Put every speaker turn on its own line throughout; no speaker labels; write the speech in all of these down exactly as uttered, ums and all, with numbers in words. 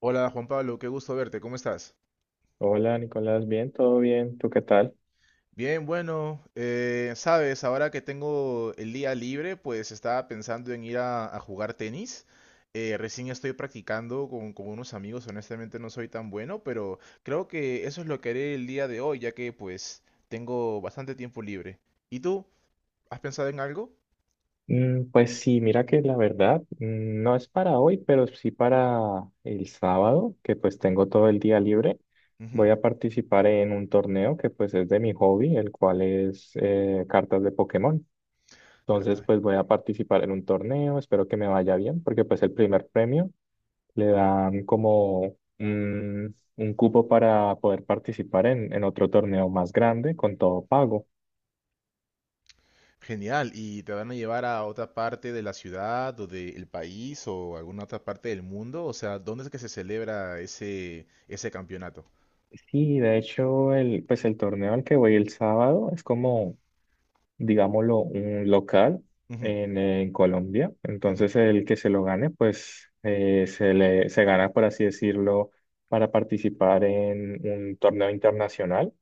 Hola Juan Pablo, qué gusto verte, ¿cómo estás?
Hola Nicolás, bien, todo bien, ¿tú qué tal?
Bien, bueno, eh, sabes, ahora que tengo el día libre, pues estaba pensando en ir a, a jugar tenis. Eh, recién estoy practicando con, con unos amigos, honestamente no soy tan bueno, pero creo que eso es lo que haré el día de hoy, ya que pues tengo bastante tiempo libre. ¿Y tú? ¿Has pensado en algo?
Mm, pues sí, mira que la verdad mm, no es para hoy, pero sí para el sábado, que pues tengo todo el día libre.
Ujú.
Voy a participar en un torneo que pues es de mi hobby, el cual es eh, cartas de Pokémon. Entonces
Carta.
pues voy a participar en un torneo, espero que me vaya bien, porque pues el primer premio le dan como un, un cupo para poder participar en, en otro torneo más grande con todo pago.
Genial, ¿y te van a llevar a otra parte de la ciudad o del país o alguna otra parte del mundo? O sea, ¿dónde es que se celebra ese, ese campeonato?
Sí, de hecho, el, pues el torneo al que voy el sábado es como, digámoslo, un local
Ujú,
en, en Colombia.
ujú,
Entonces el que se lo gane, pues eh, se le, se gana, por así decirlo, para participar en un torneo internacional,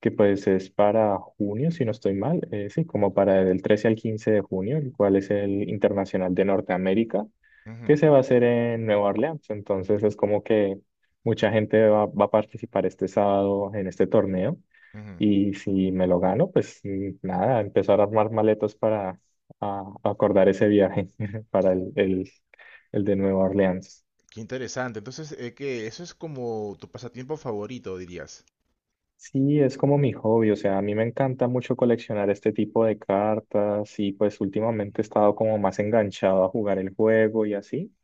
que pues es para junio, si no estoy mal, eh, sí, como para el trece al quince de junio, el cual es el Internacional de Norteamérica,
ujú,
que se va a hacer en Nueva Orleans. Entonces es como que mucha gente va, va a participar este sábado en este torneo.
ujú.
Y si me lo gano, pues mm, nada, empezar a armar maletas para a- acordar ese viaje para el, el, el de Nueva Orleans.
Qué interesante. Entonces, eh, ¿qué? Eso es como tu pasatiempo favorito, dirías.
Sí, es como mi hobby, o sea, a mí me encanta mucho coleccionar este tipo de cartas y pues últimamente he estado como más enganchado a jugar el juego y así.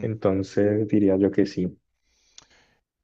Entonces diría yo que sí.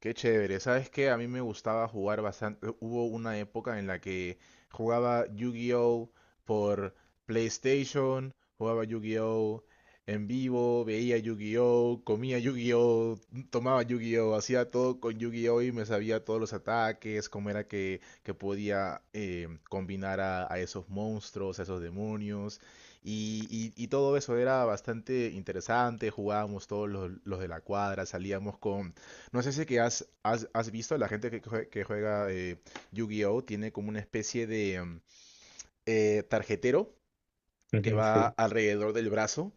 Qué chévere, ¿sabes qué? A mí me gustaba jugar bastante. Hubo una época en la que jugaba Yu-Gi-Oh! Por PlayStation, jugaba Yu-Gi-Oh! En vivo, veía Yu-Gi-Oh!, comía Yu-Gi-Oh!, tomaba Yu-Gi-Oh!, hacía todo con Yu-Gi-Oh!, y me sabía todos los ataques, cómo era que, que podía eh, combinar a, a esos monstruos, a esos demonios. Y, y- y todo eso era bastante interesante, jugábamos todos los los de la cuadra, salíamos con, no sé si que has, has, has visto, la gente que jue- que juega eh, Yu-Gi-Oh!, tiene como una especie de mm, eh, tarjetero que
Ujú,
va
Sí,
alrededor del brazo,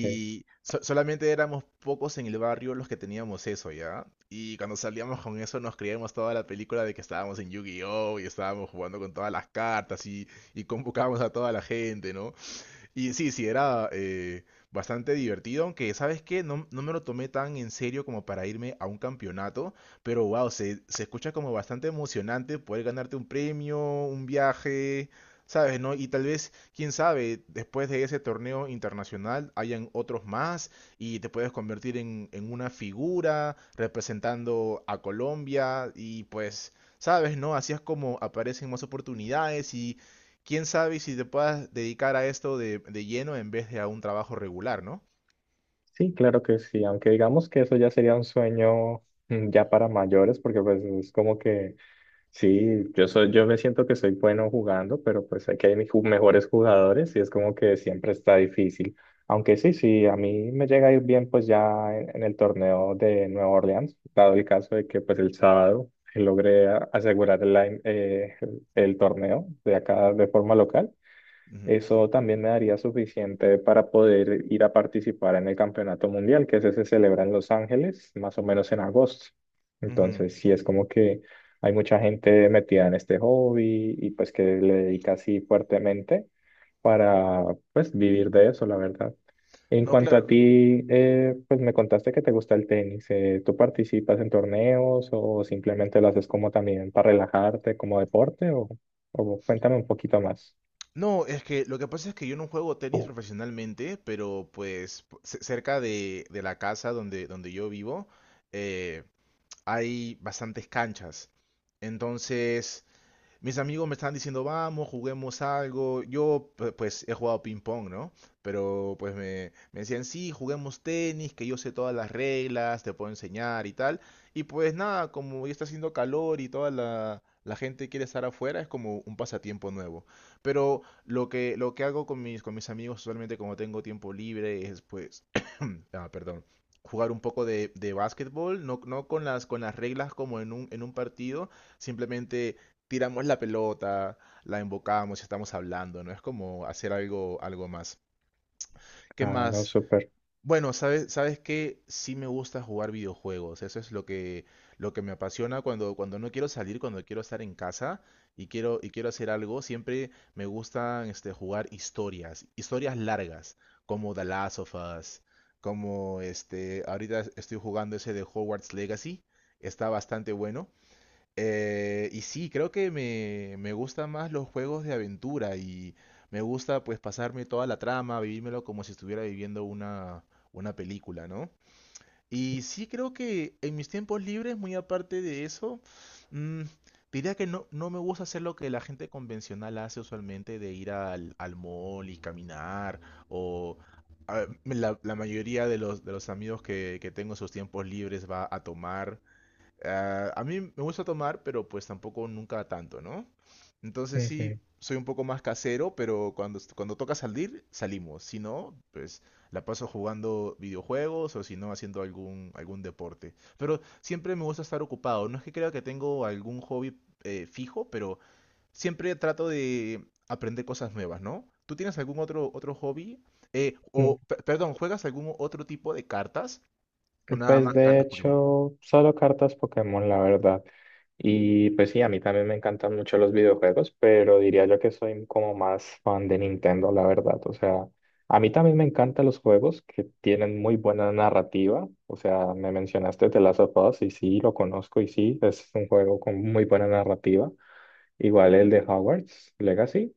sí.
so- solamente éramos pocos en el barrio los que teníamos eso, ¿ya? Y cuando salíamos con eso nos creíamos toda la película de que estábamos en Yu-Gi-Oh! Y estábamos jugando con todas las cartas, y, y convocábamos a toda la gente, ¿no? Y sí, sí, era eh, bastante divertido, aunque sabes qué, no, no me lo tomé tan en serio como para irme a un campeonato, pero wow, se, se escucha como bastante emocionante poder ganarte un premio, un viaje, ¿sabes? ¿No? Y tal vez, quién sabe, después de ese torneo internacional hayan otros más, y te puedes convertir en, en una figura representando a Colombia y pues... ¿Sabes, no? Así es como aparecen más oportunidades, y quién sabe si te puedas dedicar a esto de, de lleno en vez de a un trabajo regular, ¿no?
Sí, claro que sí, aunque digamos que eso ya sería un sueño mm, ya para mayores, porque pues es como que sí, yo soy, yo me siento que soy bueno jugando, pero pues aquí hay mis ju- mejores jugadores y es como que siempre está difícil. Aunque sí, sí, a mí me llega a ir bien pues ya en, en el torneo de Nueva Orleans, dado el caso de que pues el sábado logré a- asegurar el, line- eh, el el torneo de acá de forma local.
Ujú,
Eso también me daría suficiente para poder ir a participar en el Campeonato Mundial, que ese se celebra en Los Ángeles, más o menos en agosto.
ujú.
Entonces, sí es como que hay mucha gente metida en este hobby y pues que le dedica así fuertemente para pues vivir de eso, la verdad. En
No,
cuanto a
claro.
ti, eh, pues me contaste que te gusta el tenis. Eh, ¿tú participas en torneos o simplemente lo haces como también para relajarte, como deporte? O, o cuéntame un poquito más.
No, es que lo que pasa es que yo no juego tenis profesionalmente, pero pues p- ce- cerca de, de la casa donde, donde yo vivo, eh, hay bastantes canchas. Entonces, mis amigos me están diciendo, vamos, juguemos algo. Yo, pu- pues, he jugado ping-pong, ¿no? Pero, pues, me, me decían, sí, juguemos tenis, que yo sé todas las reglas, te puedo enseñar y tal. Y, pues, nada, como ya está haciendo calor y toda la, la gente quiere estar afuera, es como un pasatiempo nuevo. Pero lo que, lo que hago con mis, con mis amigos, usualmente, como tengo tiempo libre, es, pues, ah, perdón, jugar un poco de, de básquetbol, no, no con las, con las reglas como en un, en un partido, simplemente tiramos la pelota, la embocamos y estamos hablando, ¿no? Es como hacer algo, algo más. ¿Qué
Ah, no,
más?
súper.
Bueno, sabes, sabes que sí me gusta jugar videojuegos. Eso es lo que, lo que me apasiona cuando, cuando no quiero salir, cuando quiero estar en casa y quiero, y quiero hacer algo. Siempre me gustan este, jugar historias, historias largas, como The Last of Us, como este, ahorita estoy jugando ese de Hogwarts Legacy. Está bastante bueno. Eh, y sí, creo que me, me gustan más los juegos de aventura, y me gusta pues pasarme toda la trama, vivírmelo como si estuviera viviendo una, una película, ¿no? Y sí creo que en mis tiempos libres, muy aparte de eso, mm, diría que no, no me gusta hacer lo que la gente convencional hace usualmente de ir al, al mall y caminar o... a ver, La, la mayoría de los, de los amigos que, que tengo en sus tiempos libres va a tomar. Ah, a mí me gusta tomar, pero pues tampoco nunca tanto, ¿no? Entonces sí,
Ujú.
soy un poco más casero, pero cuando, est- cuando toca salir, salimos. Si no, pues la paso jugando videojuegos o si no, haciendo algún, algún deporte. Pero siempre me gusta estar ocupado. No es que crea que tengo algún hobby eh, fijo, pero siempre trato de aprender cosas nuevas, ¿no? ¿Tú tienes algún otro, otro hobby? Eh,
Mm,
o, pe- perdón, ¿juegas algún otro tipo de cartas? ¿O nada
Pues
más
de
cartas Pokémon?
hecho, solo cartas Pokémon, la verdad. Y pues sí, a mí también me encantan mucho los videojuegos, pero diría yo que soy como más fan de Nintendo, la verdad. O sea, a mí también me encantan los juegos que tienen muy buena narrativa. O sea, me mencionaste The Last of Us y sí, lo conozco y sí, es un juego con muy buena narrativa. Igual el de Hogwarts Legacy.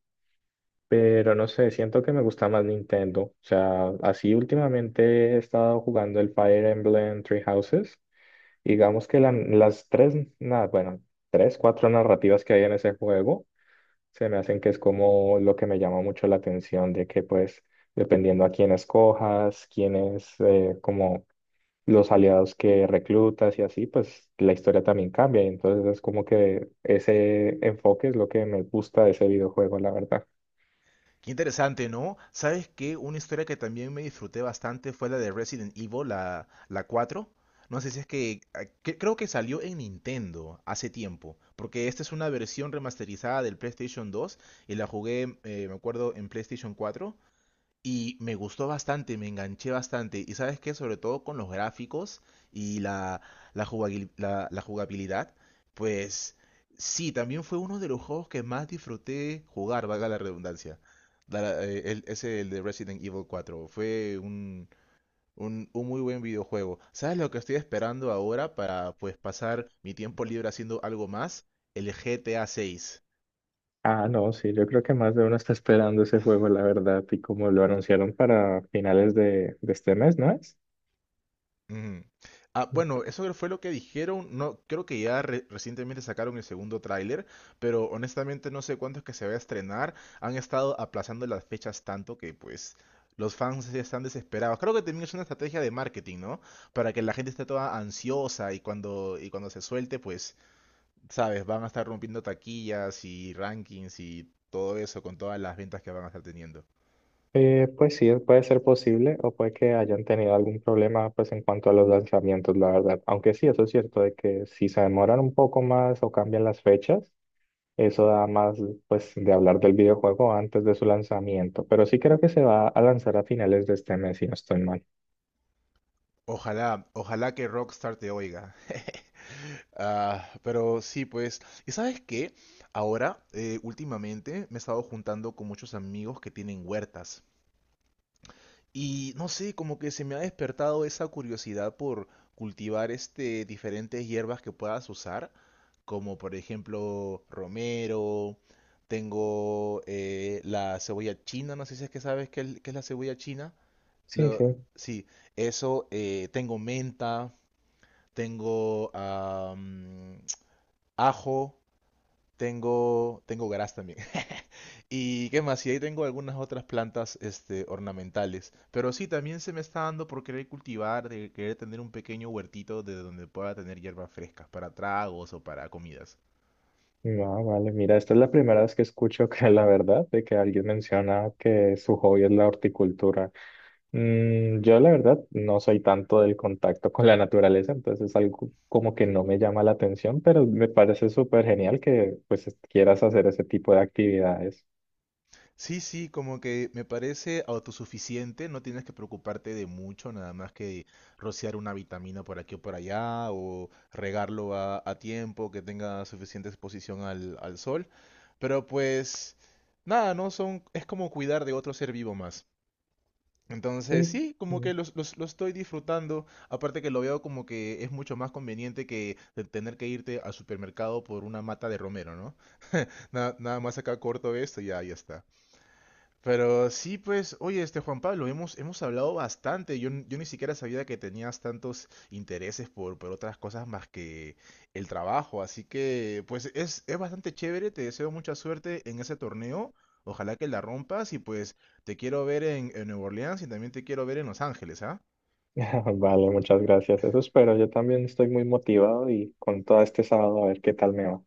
Pero no sé, siento que me gusta más Nintendo. O sea, así últimamente he estado jugando el Fire Emblem Three Houses. Digamos que la- las tres, nada, bueno, tres, cuatro narrativas que hay en ese juego se me hacen que es como lo que me llama mucho la atención, de que pues dependiendo a quién escojas, quién es eh, como los aliados que reclutas y así, pues la historia también cambia. Y entonces es como que ese enfoque es lo que me gusta de ese videojuego, la verdad.
Qué interesante, ¿no? ¿Sabes qué? Una historia que también me disfruté bastante fue la de Resident Evil, la, la cuatro. No sé si es que, ah, que- creo que salió en Nintendo hace tiempo, porque esta es una versión remasterizada del PlayStation dos, y la jugué, eh, me acuerdo, en PlayStation cuatro. Y me gustó bastante, me enganché bastante. Y sabes qué, sobre todo con los gráficos y la, la jugabil- la- la jugabilidad, pues sí, también fue uno de los juegos que más disfruté jugar, valga la redundancia. Da- eh, el- ese, el de Resident Evil cuatro fue un, un, un muy buen videojuego. ¿Sabes lo que estoy esperando ahora para pues pasar mi tiempo libre haciendo algo más? El G T A seis.
Ah, no, sí, yo creo que más de uno está esperando ese juego, la verdad, y como lo anunciaron para finales de, de este mes, ¿no es?
Ujú. Ah, bueno, eso fue lo que dijeron. No, creo que ya re- recientemente sacaron el segundo tráiler, pero honestamente no sé cuándo es que se va a estrenar. Han estado aplazando las fechas tanto que pues los fans ya están desesperados. Creo que también es una estrategia de marketing, ¿no? Para que la gente esté toda ansiosa y cuando y cuando se suelte, pues, sabes, van a estar rompiendo taquillas y rankings y todo eso con todas las ventas que van a estar teniendo.
Eh, pues sí, puede ser posible o puede que hayan tenido algún problema pues en cuanto a los lanzamientos, la verdad. Aunque sí, eso es cierto, de que si se demoran un poco más o cambian las fechas, eso da más pues de hablar del videojuego antes de su lanzamiento. Pero sí creo que se va a lanzar a finales de este mes, si no estoy mal.
Ojalá, ojalá que Rockstar te oiga. Ah, pero sí, pues. ¿Y sabes qué? Ahora, eh, últimamente, me he estado juntando con muchos amigos que tienen huertas. Y no sé, como que se me ha despertado esa curiosidad por cultivar este, diferentes hierbas que puedas usar, como por ejemplo romero. Tengo eh, la cebolla china, no sé si es que sabes qué es, qué es la cebolla china.
Sí,
Lo,
sí.
sí, eso, eh, tengo menta, tengo am, ajo. Tengo, tengo gras también. ¿Y qué más? Y ahí tengo algunas otras plantas, este, ornamentales. Pero sí, también se me está dando por querer cultivar, de querer tener un pequeño huertito de donde pueda tener hierbas frescas para tragos o para comidas.
No, vale, mira, esta es la primera vez que escucho que la verdad de que alguien menciona que su hobby es la horticultura. Mm, yo la verdad no soy tanto del contacto con la naturaleza, entonces es algo como que no me llama la atención, pero me parece súper genial que pues es- quieras hacer ese tipo de actividades.
Sí, sí, como que me parece autosuficiente, no tienes que preocuparte de mucho, nada más que rociar una vitamina por aquí o por allá, o regarlo a, a tiempo, que tenga suficiente exposición al, al sol. Pero pues, nada, no son, es como cuidar de otro ser vivo más. Entonces,
Sí.
sí, como que
Mm.
los- los- lo estoy disfrutando. Aparte que lo veo como que es mucho más conveniente que de tener que irte al supermercado por una mata de romero, ¿no? Nada, nada más acá corto esto y ya, ya está. Pero sí, pues, oye, este Juan Pablo, hemos, hemos hablado bastante. Yo, n- yo ni siquiera sabía que tenías tantos intereses por, por otras cosas más que el trabajo. Así que, pues, es, es bastante chévere. Te deseo mucha suerte en ese torneo. Ojalá que la rompas. Y pues, te quiero ver en, en Nueva Orleans, y también te quiero ver en Los Ángeles, ¿ah?
Vale, muchas gracias. Eso espero. Yo también estoy muy motivado y con todo este sábado a ver qué tal me va.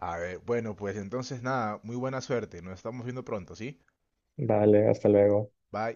A ver, bueno, pues entonces nada, muy buena suerte. Nos estamos viendo pronto, ¿sí?
Vale, hasta luego.
Bye.